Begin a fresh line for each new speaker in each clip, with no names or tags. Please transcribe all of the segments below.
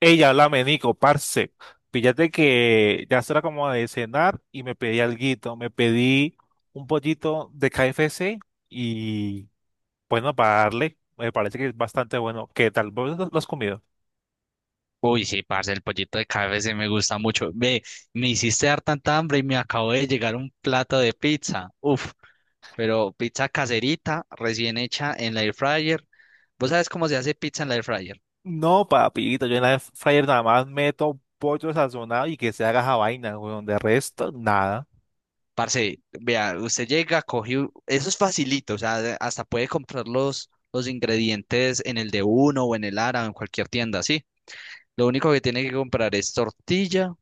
Ella, háblame, Nico, parce. Fíjate que ya será como de cenar y me pedí alguito. Me pedí un pollito de KFC y bueno, para darle, me parece que es bastante bueno. ¿Qué tal? ¿Vos lo has comido?
Uy, sí, parce, el pollito de KFC me gusta mucho. Ve, me hiciste dar tanta hambre y me acabo de llegar un plato de pizza. Uf, pero pizza caserita, recién hecha en la air fryer. ¿Vos sabés cómo se hace pizza en la air fryer?
No, papito, yo en la air fryer nada más meto pollo sazonado y que se haga esa vaina, weón. De resto, nada.
Parce, vea, usted llega, coge, eso es facilito, o sea, hasta puede comprar los ingredientes en el de uno o en el Ara o en cualquier tienda, sí. Lo único que tiene que comprar es tortilla,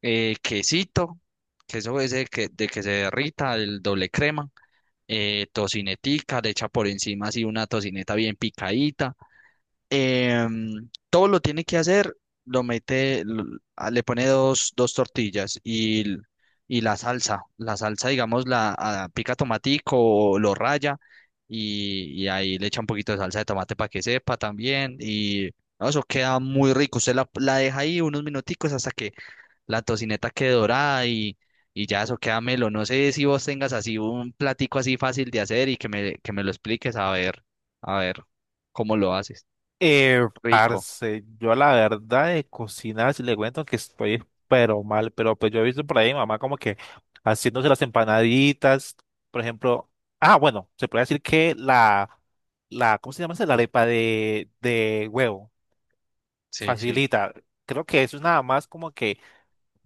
quesito, queso ese que, de que se derrita, el doble crema tocinetica, le echa por encima así una tocineta bien picadita. Todo lo tiene que hacer, lo mete, le pone dos tortillas y la salsa. La salsa, digamos, la pica tomatico o lo raya y ahí le echa un poquito de salsa de tomate para que sepa también. Y no, eso queda muy rico. Usted la deja ahí unos minuticos hasta que la tocineta que dorada y ya eso queda melo. No sé si vos tengas así un platico así fácil de hacer y que que me lo expliques a ver cómo lo haces. Rico.
Parce, yo la verdad de cocinar, si le cuento que estoy pero mal, pero pues yo he visto por ahí mamá como que haciéndose las empanaditas, por ejemplo, ah, bueno, se puede decir que la, ¿cómo se llama esa? La arepa de huevo,
Sí, sí.
facilita, creo que eso es nada más como que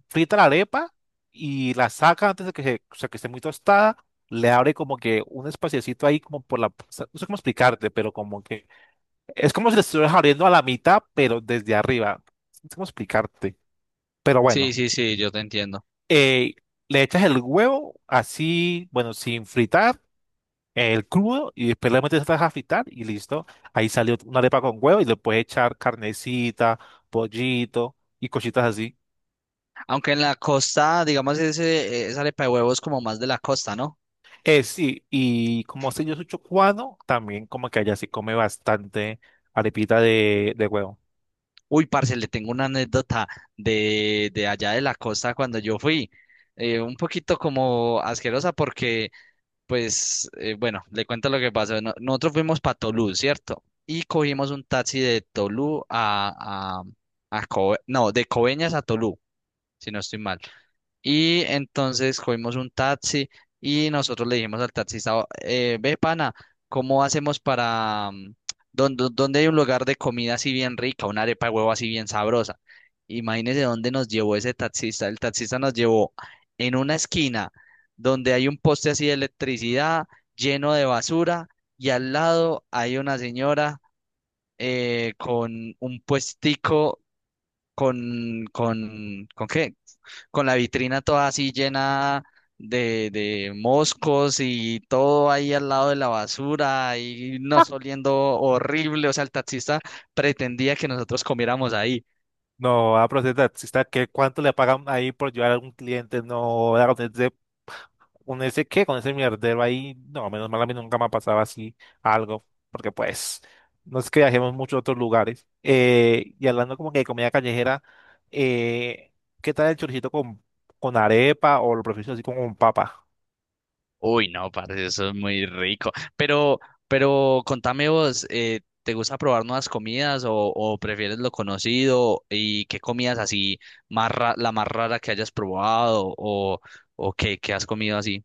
frita la arepa y la saca antes de que, se, o sea, que esté muy tostada, le abre como que un espaciecito ahí como por la, no sé cómo explicarte, pero como que es como si le estuvieras abriendo a la mitad, pero desde arriba. No sé cómo explicarte. Pero
Sí,
bueno,
sí, sí, yo te entiendo.
eh, le echas el huevo así, bueno, sin fritar, el crudo, y después le metes atrás a fritar y listo. Ahí salió una arepa con huevo y le puedes echar carnecita, pollito y cositas así.
Aunque en la costa, digamos, esa arepa de huevos como más de la costa, ¿no?
Sí, y como sé yo soy chocuano, también como que allá se come bastante arepita de huevo.
Uy, parce, le tengo una anécdota de allá de la costa cuando yo fui. Un poquito como asquerosa porque pues bueno, le cuento lo que pasó. Nosotros fuimos para Tolú, ¿cierto? Y cogimos un taxi de Tolú a no, de Coveñas a Tolú, si no estoy mal. Y entonces cogimos un taxi y nosotros le dijimos al taxista, Ve pana, ¿cómo hacemos para dónde hay un lugar de comida así bien rica, una arepa de huevo así bien sabrosa? Imagínese dónde nos llevó ese taxista. El taxista nos llevó en una esquina donde hay un poste así de electricidad lleno de basura y al lado hay una señora con un puestico con, ¿con qué? Con la vitrina toda así llena de moscos y todo ahí al lado de la basura y nos oliendo horrible. O sea, el taxista pretendía que nosotros comiéramos ahí.
No, a pero si está que cuánto le pagan ahí por llevar a algún cliente, no, con ese qué, con ese mierdero ahí, no, menos mal a mí nunca me ha pasado así algo, porque pues no es que viajemos mucho a otros lugares. Y hablando como que de comida callejera, eh, ¿qué tal el choricito con arepa o lo prefiero así como con papa?
Uy, no, parece eso es muy rico. Pero, pero contame vos, ¿te gusta probar nuevas comidas o prefieres lo conocido? ¿Y qué comidas así la más rara que hayas probado o, qué has comido así?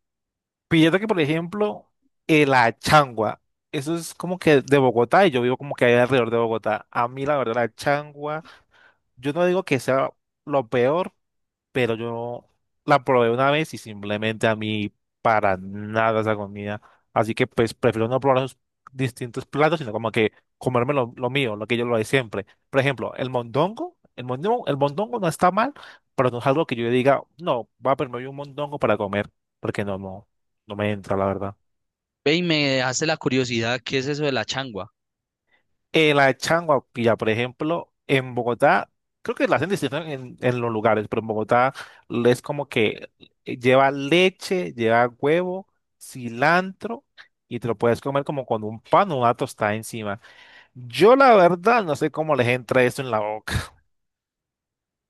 Fíjate que, por ejemplo, la changua, eso es como que de Bogotá y yo vivo como que ahí alrededor de Bogotá. A mí, la verdad, la changua, yo no digo que sea lo peor, pero yo la probé una vez y simplemente a mí para nada esa comida. Así que pues prefiero no probar esos distintos platos, sino como que comerme lo mío, lo que yo lo de siempre. Por ejemplo, el mondongo, el mondongo, el mondongo no está mal, pero no es algo que yo diga, no, va a permitir un mondongo para comer, porque no, no, no me entra, la verdad.
Ve y me hace la curiosidad, ¿qué es eso de la changua?
La changua, pilla, por ejemplo, en Bogotá, creo que la hacen distinto en los lugares, pero en Bogotá es como que lleva leche, lleva huevo, cilantro y te lo puedes comer como con un pan o una tostada encima. Yo la verdad no sé cómo les entra eso en la boca.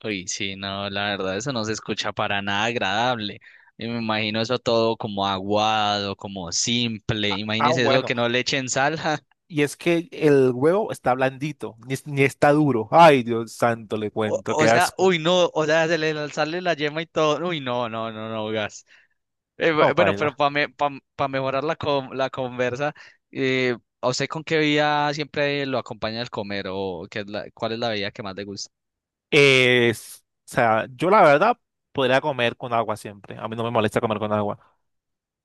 Uy, sí, no, la verdad, eso no se escucha para nada agradable. Y me imagino eso todo como aguado, como simple.
Ah,
Imagínese eso
bueno,
que no le echen sal.
y es que el huevo está blandito, ni, es- ni está duro. Ay, Dios santo, le
O,
cuento,
o
qué
sea,
asco.
uy, no, o sea, se le sale la yema y todo. Uy, no, no, no, no, gas.
No,
Bueno, pero
paila.
para mejorar la conversa, ¿a usted con qué bebida siempre lo acompaña al comer o qué es cuál es la bebida que más le gusta?
O sea, yo la verdad podría comer con agua siempre. A mí no me molesta comer con agua.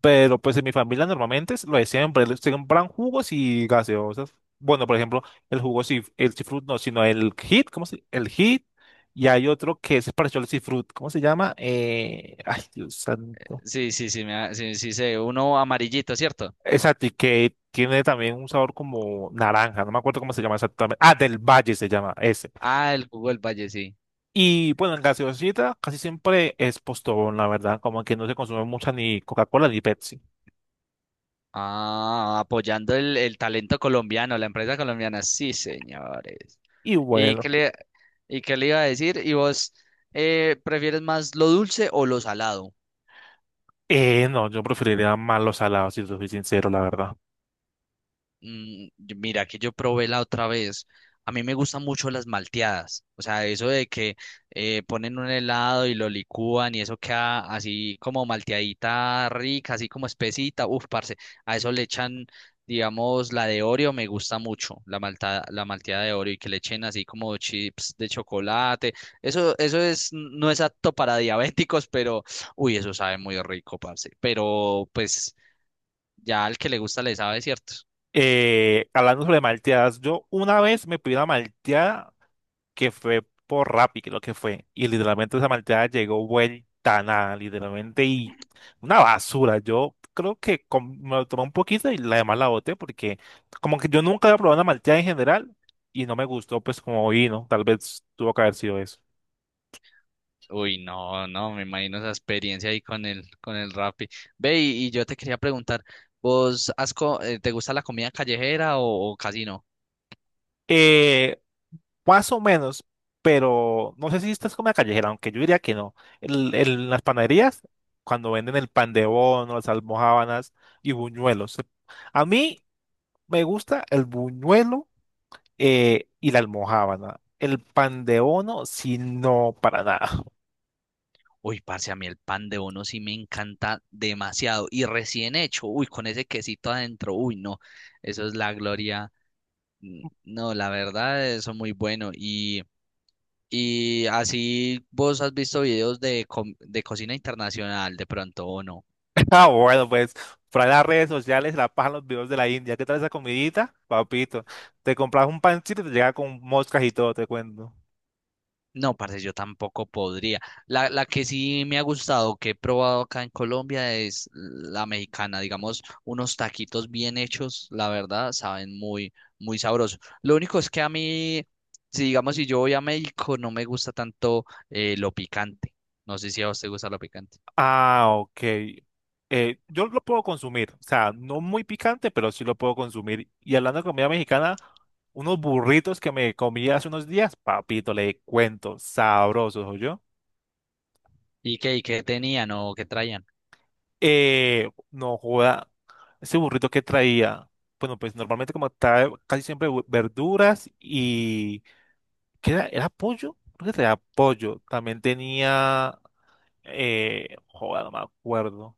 Pero pues en mi familia normalmente es lo de siempre. Se compran jugos y gaseosas. Bueno, por ejemplo, el jugo, si el cifrut no, sino el hit, ¿cómo se? El hit. Y hay otro que es parecido al cifrut. ¿Cómo se llama? Ay, Dios santo.
Sí, sí, sí, sí, sí, sé, uno amarillito, ¿cierto?
Exacto, y que tiene también un sabor como naranja. No me acuerdo cómo se llama exactamente. Ah, del Valle se llama ese.
Ah, el jugo del Valle, sí.
Y bueno, en gaseosita casi siempre es Postobón, la verdad, como que no se consume mucha ni Coca-Cola ni Pepsi.
Ah, apoyando el talento colombiano, la empresa colombiana, sí, señores.
Y
¿Y
bueno,
qué le, y qué le iba a decir? ¿Y vos prefieres más lo dulce o lo salado?
no, yo preferiría más los salados, si te soy sincero, la verdad.
Mm, mira, que yo probé la otra vez. A mí me gustan mucho las malteadas. O sea, eso de que ponen un helado y lo licúan y eso queda así como malteadita rica, así como espesita. Uf, parce. A eso le echan, digamos, la de Oreo me gusta mucho, la malteada de Oreo y que le echen así como chips de chocolate. Eso es, no es apto para diabéticos, pero uy, eso sabe muy rico, parce. Pero pues ya al que le gusta le sabe, ¿cierto?
Hablando sobre malteadas, yo una vez me pedí una malteada que fue por Rappi, creo que fue. Y literalmente esa malteada llegó vuelta a nada, literalmente, y una basura. Yo creo que me lo tomé un poquito y la demás la boté porque como que yo nunca había probado una malteada en general y no me gustó pues como vino. Tal vez tuvo que haber sido eso.
Uy, no, no, me imagino esa experiencia ahí con el Rappi. Ve, y yo te quería preguntar, ¿vos te gusta la comida callejera o casi no?
Eh, Más o menos, pero no sé si esta es comida callejera, aunque yo diría que no. En las panaderías, cuando venden el pan de bono, las almojábanas y buñuelos. A mí me gusta el buñuelo y la almojábana. El pan de bono, si no, para nada.
Uy, parce, a mí el pan de bono sí me encanta demasiado. Y recién hecho, uy, con ese quesito adentro, uy, no, eso es la gloria. Mm, no, la verdad, eso es muy bueno. Y así vos has visto videos de, de cocina internacional de pronto o no.
Ah, bueno, pues, para las redes sociales, la paja, los videos de la India. ¿Qué tal esa comidita? Papito, te compras un pancito y te llega con moscas y todo, te cuento.
No, parce, yo tampoco podría. La que sí me ha gustado, que he probado acá en Colombia, es la mexicana. Digamos, unos taquitos bien hechos, la verdad, saben muy, muy sabrosos. Lo único es que a mí, si digamos, si yo voy a México, no me gusta tanto lo picante. No sé si a usted gusta lo picante.
Ah, ok. Yo lo puedo consumir, o sea, no muy picante, pero sí lo puedo consumir. Y hablando de comida mexicana, unos burritos que me comí hace unos días, papito, le cuento, sabrosos, yo.
Y qué tenían o qué traían?
No joda. Ese burrito que traía, bueno, pues normalmente como trae casi siempre verduras y ¿qué era? ¿Era pollo? Creo que traía pollo. También tenía, joder, no me acuerdo.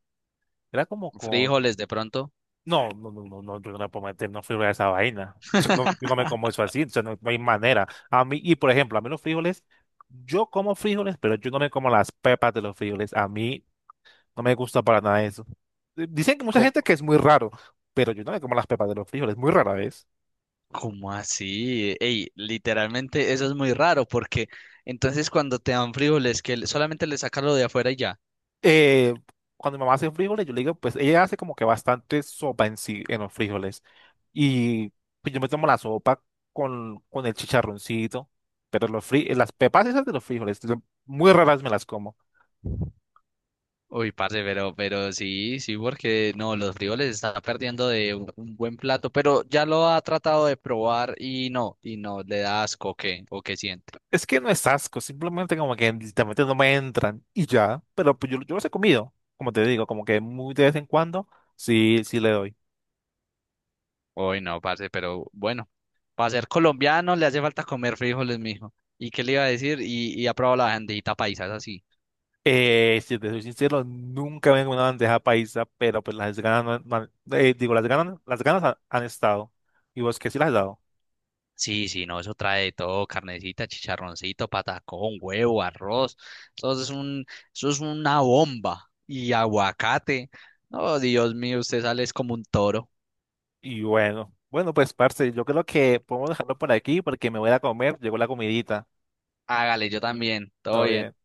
Era como con,
Frijoles de pronto.
no, no, no, no, no, yo no le puedo meter una fibra a esa vaina. Yo no me como eso así, o sea, no, no hay manera. A mí, y por ejemplo, a mí los frijoles, yo como frijoles, pero yo no me como las pepas de los frijoles. A mí no me gusta para nada eso. Dicen que mucha gente
¿Cómo,
que es muy raro, pero yo no me como las pepas de los frijoles, muy rara vez.
cómo así? Ey, literalmente eso es muy raro porque entonces cuando te dan frijoles solamente le sacas lo de afuera y ya.
Eh, cuando mi mamá hace frijoles, yo le digo, pues ella hace como que bastante sopa en sí, en los frijoles. Y pues yo me tomo la sopa con el chicharroncito, pero los fri las pepas esas de los frijoles, yo muy raras me las como.
Uy, parce, pero sí, sí, porque no, los frijoles está perdiendo de un buen plato, pero ya lo ha tratado de probar y no, le da asco, ¿o qué? ¿O qué siente?
Es que no es asco, simplemente como que literalmente no me entran y ya, pero pues yo los he comido, como te digo, como que muy de vez en cuando, sí, sí le doy.
Hoy no, parce, pero bueno, para ser colombiano le hace falta comer frijoles, mijo. ¿Y qué le iba a decir? Y ha probado la bandejita paisa, es así.
Si te soy sincero, nunca me he comido una bandeja paisa, pero pues las ganas, no han- no han- digo, las ganas han, han estado y vos que sí las has dado.
Sí, sí, no, eso trae de todo, carnecita, chicharroncito, patacón, huevo, arroz. Eso es un, eso es una bomba. Y aguacate. No, Dios mío, usted sale es como un toro.
Y bueno, pues parce, yo creo que podemos dejarlo por aquí porque me voy a comer, llegó la comidita.
Hágale, yo también. Todo
Todo
bien.
bien.